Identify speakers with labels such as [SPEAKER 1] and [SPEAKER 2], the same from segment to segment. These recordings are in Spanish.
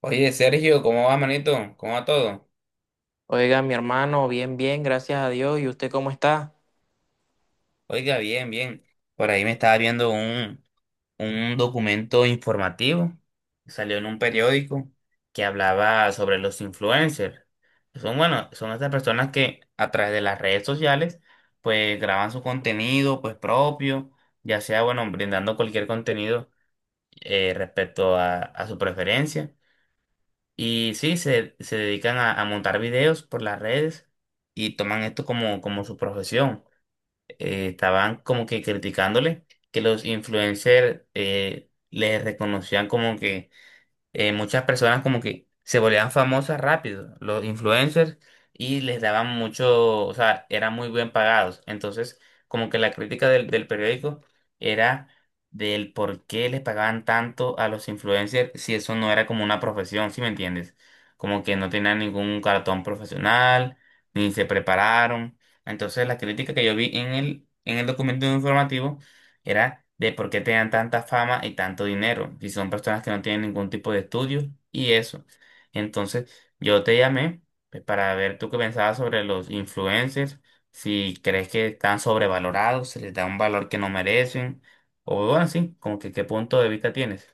[SPEAKER 1] Oye, Sergio, ¿cómo va, manito? ¿Cómo va todo?
[SPEAKER 2] Oiga, mi hermano, bien, bien, gracias a Dios. ¿Y usted cómo está?
[SPEAKER 1] Oiga, bien, bien. Por ahí me estaba viendo un documento informativo, salió en un periódico que hablaba sobre los influencers. Son, bueno, son estas personas que a través de las redes sociales, pues graban su contenido, pues propio, ya sea, bueno, brindando cualquier contenido respecto a su preferencia. Y sí, se dedican a montar videos por las redes y toman esto como, como su profesión. Estaban como que criticándole que los influencers les reconocían como que muchas personas como que se volvían famosas rápido, los influencers, y les daban mucho, o sea, eran muy bien pagados. Entonces, como que la crítica del periódico era del por qué les pagaban tanto a los influencers si eso no era como una profesión, ¿sí me entiendes? Como que no tenían ningún cartón profesional, ni se prepararon. Entonces, la crítica que yo vi en en el documento informativo era de por qué tenían tanta fama y tanto dinero, si son personas que no tienen ningún tipo de estudio y eso. Entonces, yo te llamé pues, para ver tú qué pensabas sobre los influencers, si crees que están sobrevalorados, se les da un valor que no merecen, o bueno, sí, como que qué punto de vista tienes.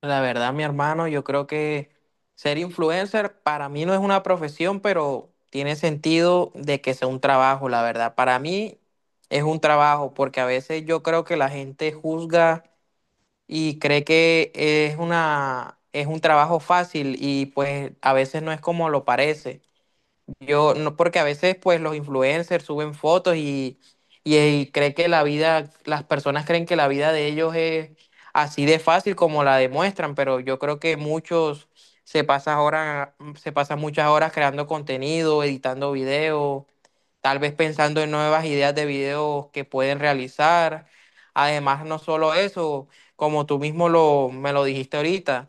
[SPEAKER 2] La verdad, mi hermano, yo creo que ser influencer para mí no es una profesión, pero tiene sentido de que sea un trabajo, la verdad. Para mí es un trabajo porque a veces yo creo que la gente juzga y cree que es una, es un trabajo fácil y pues a veces no es como lo parece. Yo no, porque a veces pues los influencers suben fotos y cree que la vida, las personas creen que la vida de ellos es así de fácil como la demuestran, pero yo creo que muchos se pasan horas, se pasan muchas horas creando contenido, editando videos, tal vez pensando en nuevas ideas de videos que pueden realizar. Además, no solo eso, como tú mismo lo, me lo dijiste ahorita.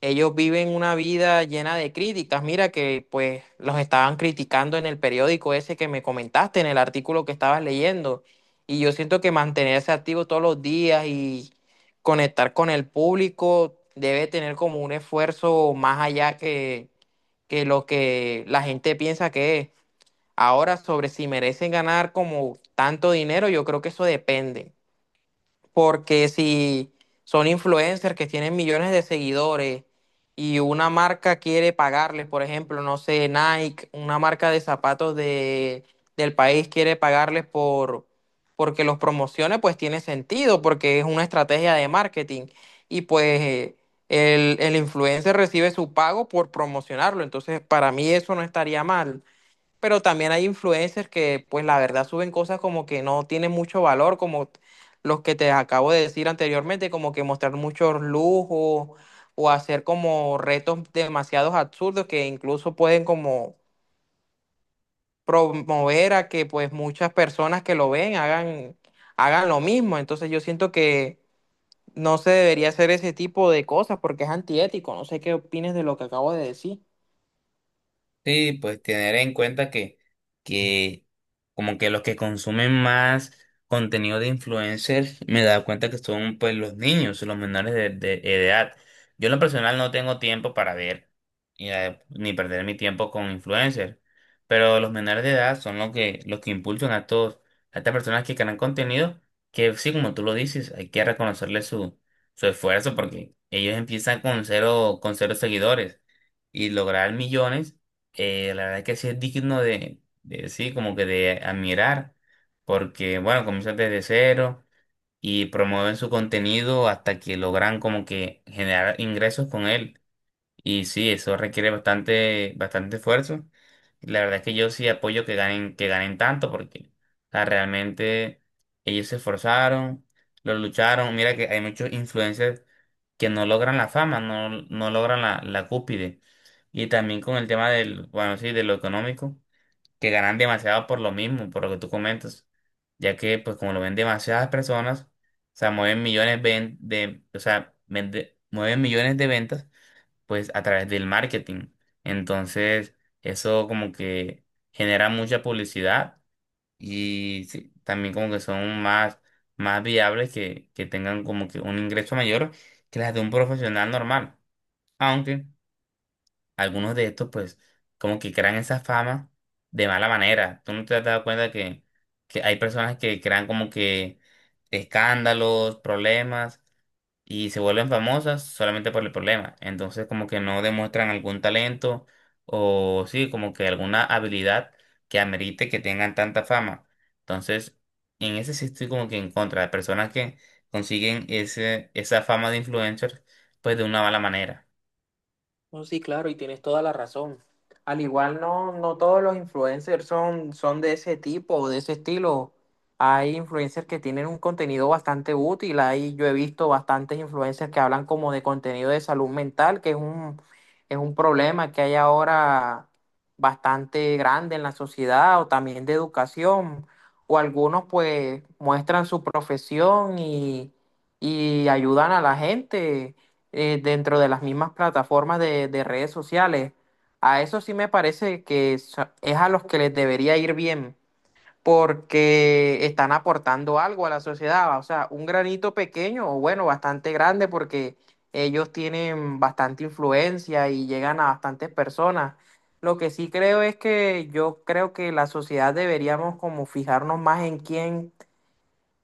[SPEAKER 2] Ellos viven una vida llena de críticas. Mira que pues los estaban criticando en el periódico ese que me comentaste, en el artículo que estabas leyendo. Y yo siento que mantenerse activo todos los días y conectar con el público debe tener como un esfuerzo más allá que lo que la gente piensa que es. Ahora, sobre si merecen ganar como tanto dinero, yo creo que eso depende porque si son influencers que tienen millones de seguidores y una marca quiere pagarles, por ejemplo, no sé, Nike, una marca de zapatos de, del país quiere pagarles por porque los promocione, pues tiene sentido, porque es una estrategia de marketing y pues el influencer recibe su pago por promocionarlo, entonces para mí eso no estaría mal pero también hay influencers que, pues la verdad, suben cosas como que no tienen mucho valor, como los que te acabo de decir anteriormente, como que mostrar muchos lujos o hacer como retos demasiados absurdos que incluso pueden como promover a que pues muchas personas que lo ven hagan, hagan lo mismo. Entonces yo siento que no se debería hacer ese tipo de cosas porque es antiético. No sé qué opines de lo que acabo de decir.
[SPEAKER 1] Sí, pues tener en cuenta que como que los que consumen más contenido de influencers, me he dado cuenta que son pues los niños, los menores de edad. Yo en lo personal no tengo tiempo para ver y, ni perder mi tiempo con influencers, pero los menores de edad son los los que impulsan a todos, a estas personas que crean contenido, que sí, como tú lo dices, hay que reconocerle su, su esfuerzo porque ellos empiezan con cero seguidores y lograr millones la verdad que sí es digno de, sí, como que de admirar, porque bueno, comienzan desde cero y promueven su contenido hasta que logran como que generar ingresos con él. Y sí, eso requiere bastante, bastante esfuerzo. La verdad es que yo sí apoyo que ganen tanto, porque o sea, realmente ellos se esforzaron, lo lucharon. Mira que hay muchos influencers que no logran la fama, no, no logran la, la cúspide. Y también con el tema del, bueno, sí, de lo económico, que ganan demasiado por lo mismo, por lo que tú comentas. Ya que, pues, como lo ven demasiadas personas, o sea, mueven millones o sea, mueven millones de ventas pues a través del marketing. Entonces, eso como que genera mucha publicidad y sí, también como que son más, más viables que tengan como que un ingreso mayor que las de un profesional normal. Aunque algunos de estos pues como que crean esa fama de mala manera. ¿Tú no te has dado cuenta que hay personas que crean como que escándalos, problemas? Y se vuelven famosas solamente por el problema. Entonces como que no demuestran algún talento o sí, como que alguna habilidad que amerite que tengan tanta fama. Entonces, en ese sí estoy como que en contra de personas que consiguen ese, esa fama de influencers pues de una mala manera.
[SPEAKER 2] No, sí, claro, y tienes toda la razón. Al igual no, no todos los influencers son, son de ese tipo o de ese estilo. Hay influencers que tienen un contenido bastante útil. Ahí yo he visto bastantes influencers que hablan como de contenido de salud mental, que es un problema que hay ahora bastante grande en la sociedad, o también de educación. O algunos pues muestran su profesión y ayudan a la gente dentro de las mismas plataformas de redes sociales. A eso sí me parece que so- es a los que les debería ir bien, porque están aportando algo a la sociedad, o sea, un granito pequeño o bueno, bastante grande, porque ellos tienen bastante influencia y llegan a bastantes personas. Lo que sí creo es que yo creo que la sociedad deberíamos como fijarnos más en quién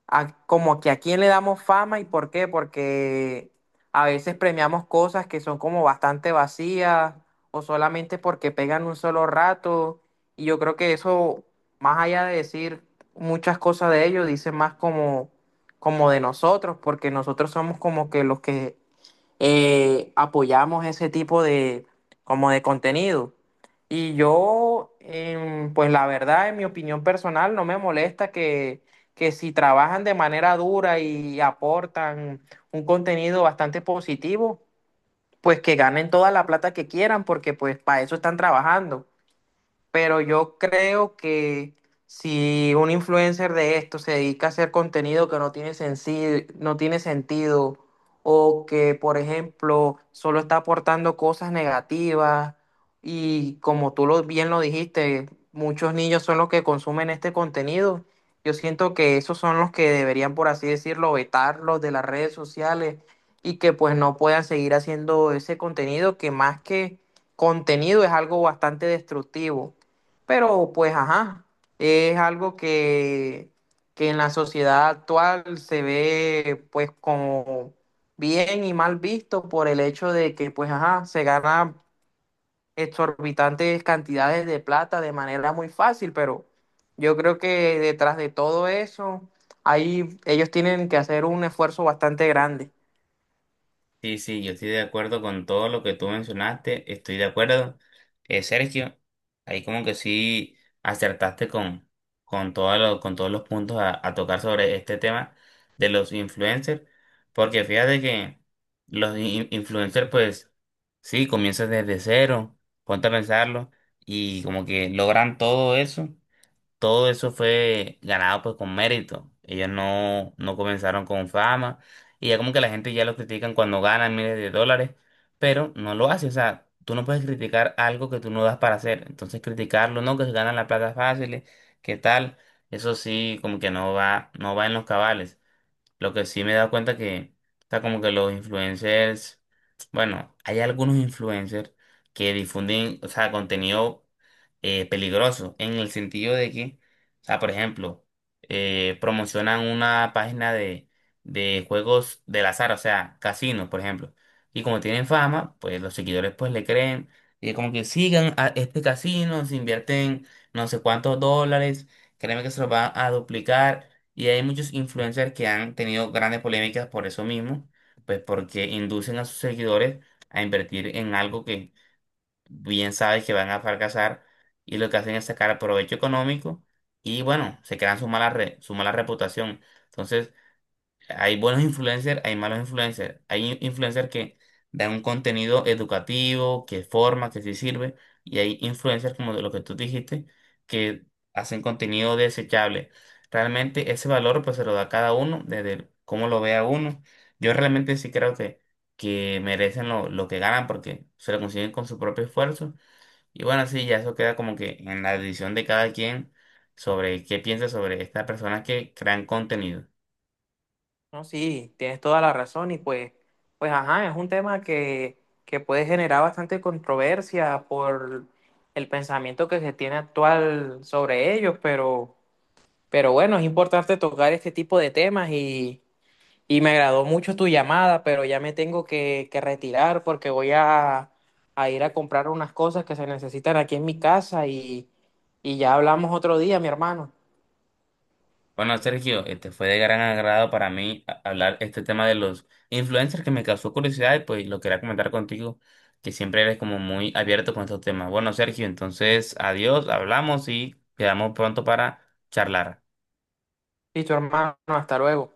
[SPEAKER 2] a- como que a quién le damos fama y por qué, porque a veces premiamos cosas que son como bastante vacías o solamente porque pegan un solo rato. Y yo creo que eso, más allá de decir muchas cosas de ellos, dice más como, como de nosotros, porque nosotros somos como que los que apoyamos ese tipo de, como de contenido. Y yo, pues la verdad, en mi opinión personal, no me molesta que si trabajan de manera dura y aportan un contenido bastante positivo, pues que ganen toda la plata que quieran, porque pues para eso están trabajando pero yo creo que si un influencer de esto se dedica a hacer contenido que no tiene sensi- no tiene sentido o que, por ejemplo, solo está aportando cosas negativas y como tú lo, bien lo dijiste, muchos niños son los que consumen este contenido. Yo siento que esos son los que deberían, por así decirlo, vetarlos de las redes sociales y que pues no puedan seguir haciendo ese contenido que más que contenido es algo bastante destructivo. Pero pues ajá, es algo que en la sociedad actual se ve pues como bien y mal visto por el hecho de que pues ajá, se ganan exorbitantes cantidades de plata de manera muy fácil, pero yo creo que detrás de todo eso, ahí ellos tienen que hacer un esfuerzo bastante grande.
[SPEAKER 1] Sí, sí, yo estoy de acuerdo con todo lo que tú mencionaste, estoy de acuerdo. Sergio, ahí como que sí acertaste con, todo con todos los puntos a tocar sobre este tema de los influencers, porque fíjate que los influencers pues sí, comienzan desde cero, ponte a pensarlo, y como que logran todo eso fue ganado pues con mérito. Ellos no, no comenzaron con fama y ya como que la gente ya los critican cuando ganan miles de dólares, pero no lo hace. O sea, tú no puedes criticar algo que tú no das para hacer. Entonces criticarlo, no, que se ganan la plata fácil, ¿qué tal? Eso sí, como que no va, no va en los cabales. Lo que sí me he dado cuenta que, está como que los influencers, bueno, hay algunos influencers que difunden, o sea, contenido peligroso, en el sentido de que, o sea, por ejemplo, promocionan una página de juegos del azar, o sea, casinos, por ejemplo. Y como tienen fama, pues los seguidores pues le creen y es como que sigan a este casino, se invierten no sé cuántos dólares, créeme que se los van a duplicar y hay muchos influencers que han tenido grandes polémicas por eso mismo, pues porque inducen a sus seguidores a invertir en algo que bien saben que van a fracasar y lo que hacen es sacar provecho económico y bueno, se crean su mala su mala reputación. Entonces, hay buenos influencers, hay malos influencers. Hay influencers que dan un contenido educativo, que forma, que sí sirve. Y hay influencers, como de lo que tú dijiste, que hacen contenido desechable. Realmente ese valor pues se lo da a cada uno, desde el cómo lo vea uno. Yo realmente sí creo que merecen lo que ganan porque se lo consiguen con su propio esfuerzo. Y bueno, sí, ya eso queda como que en la decisión de cada quien sobre qué piensa sobre estas personas que crean contenido.
[SPEAKER 2] No, sí, tienes toda la razón y pues, pues ajá, es un tema que puede generar bastante controversia por el pensamiento que se tiene actual sobre ellos, pero bueno, es importante tocar este tipo de temas y me agradó mucho tu llamada, pero ya me tengo que retirar porque voy a ir a comprar unas cosas que se necesitan aquí en mi casa y ya hablamos otro día, mi hermano.
[SPEAKER 1] Bueno, Sergio, este fue de gran agrado para mí hablar este tema de los influencers que me causó curiosidad y pues lo quería comentar contigo, que siempre eres como muy abierto con estos temas. Bueno, Sergio, entonces adiós, hablamos y quedamos pronto para charlar.
[SPEAKER 2] Y tu hermano, hasta luego.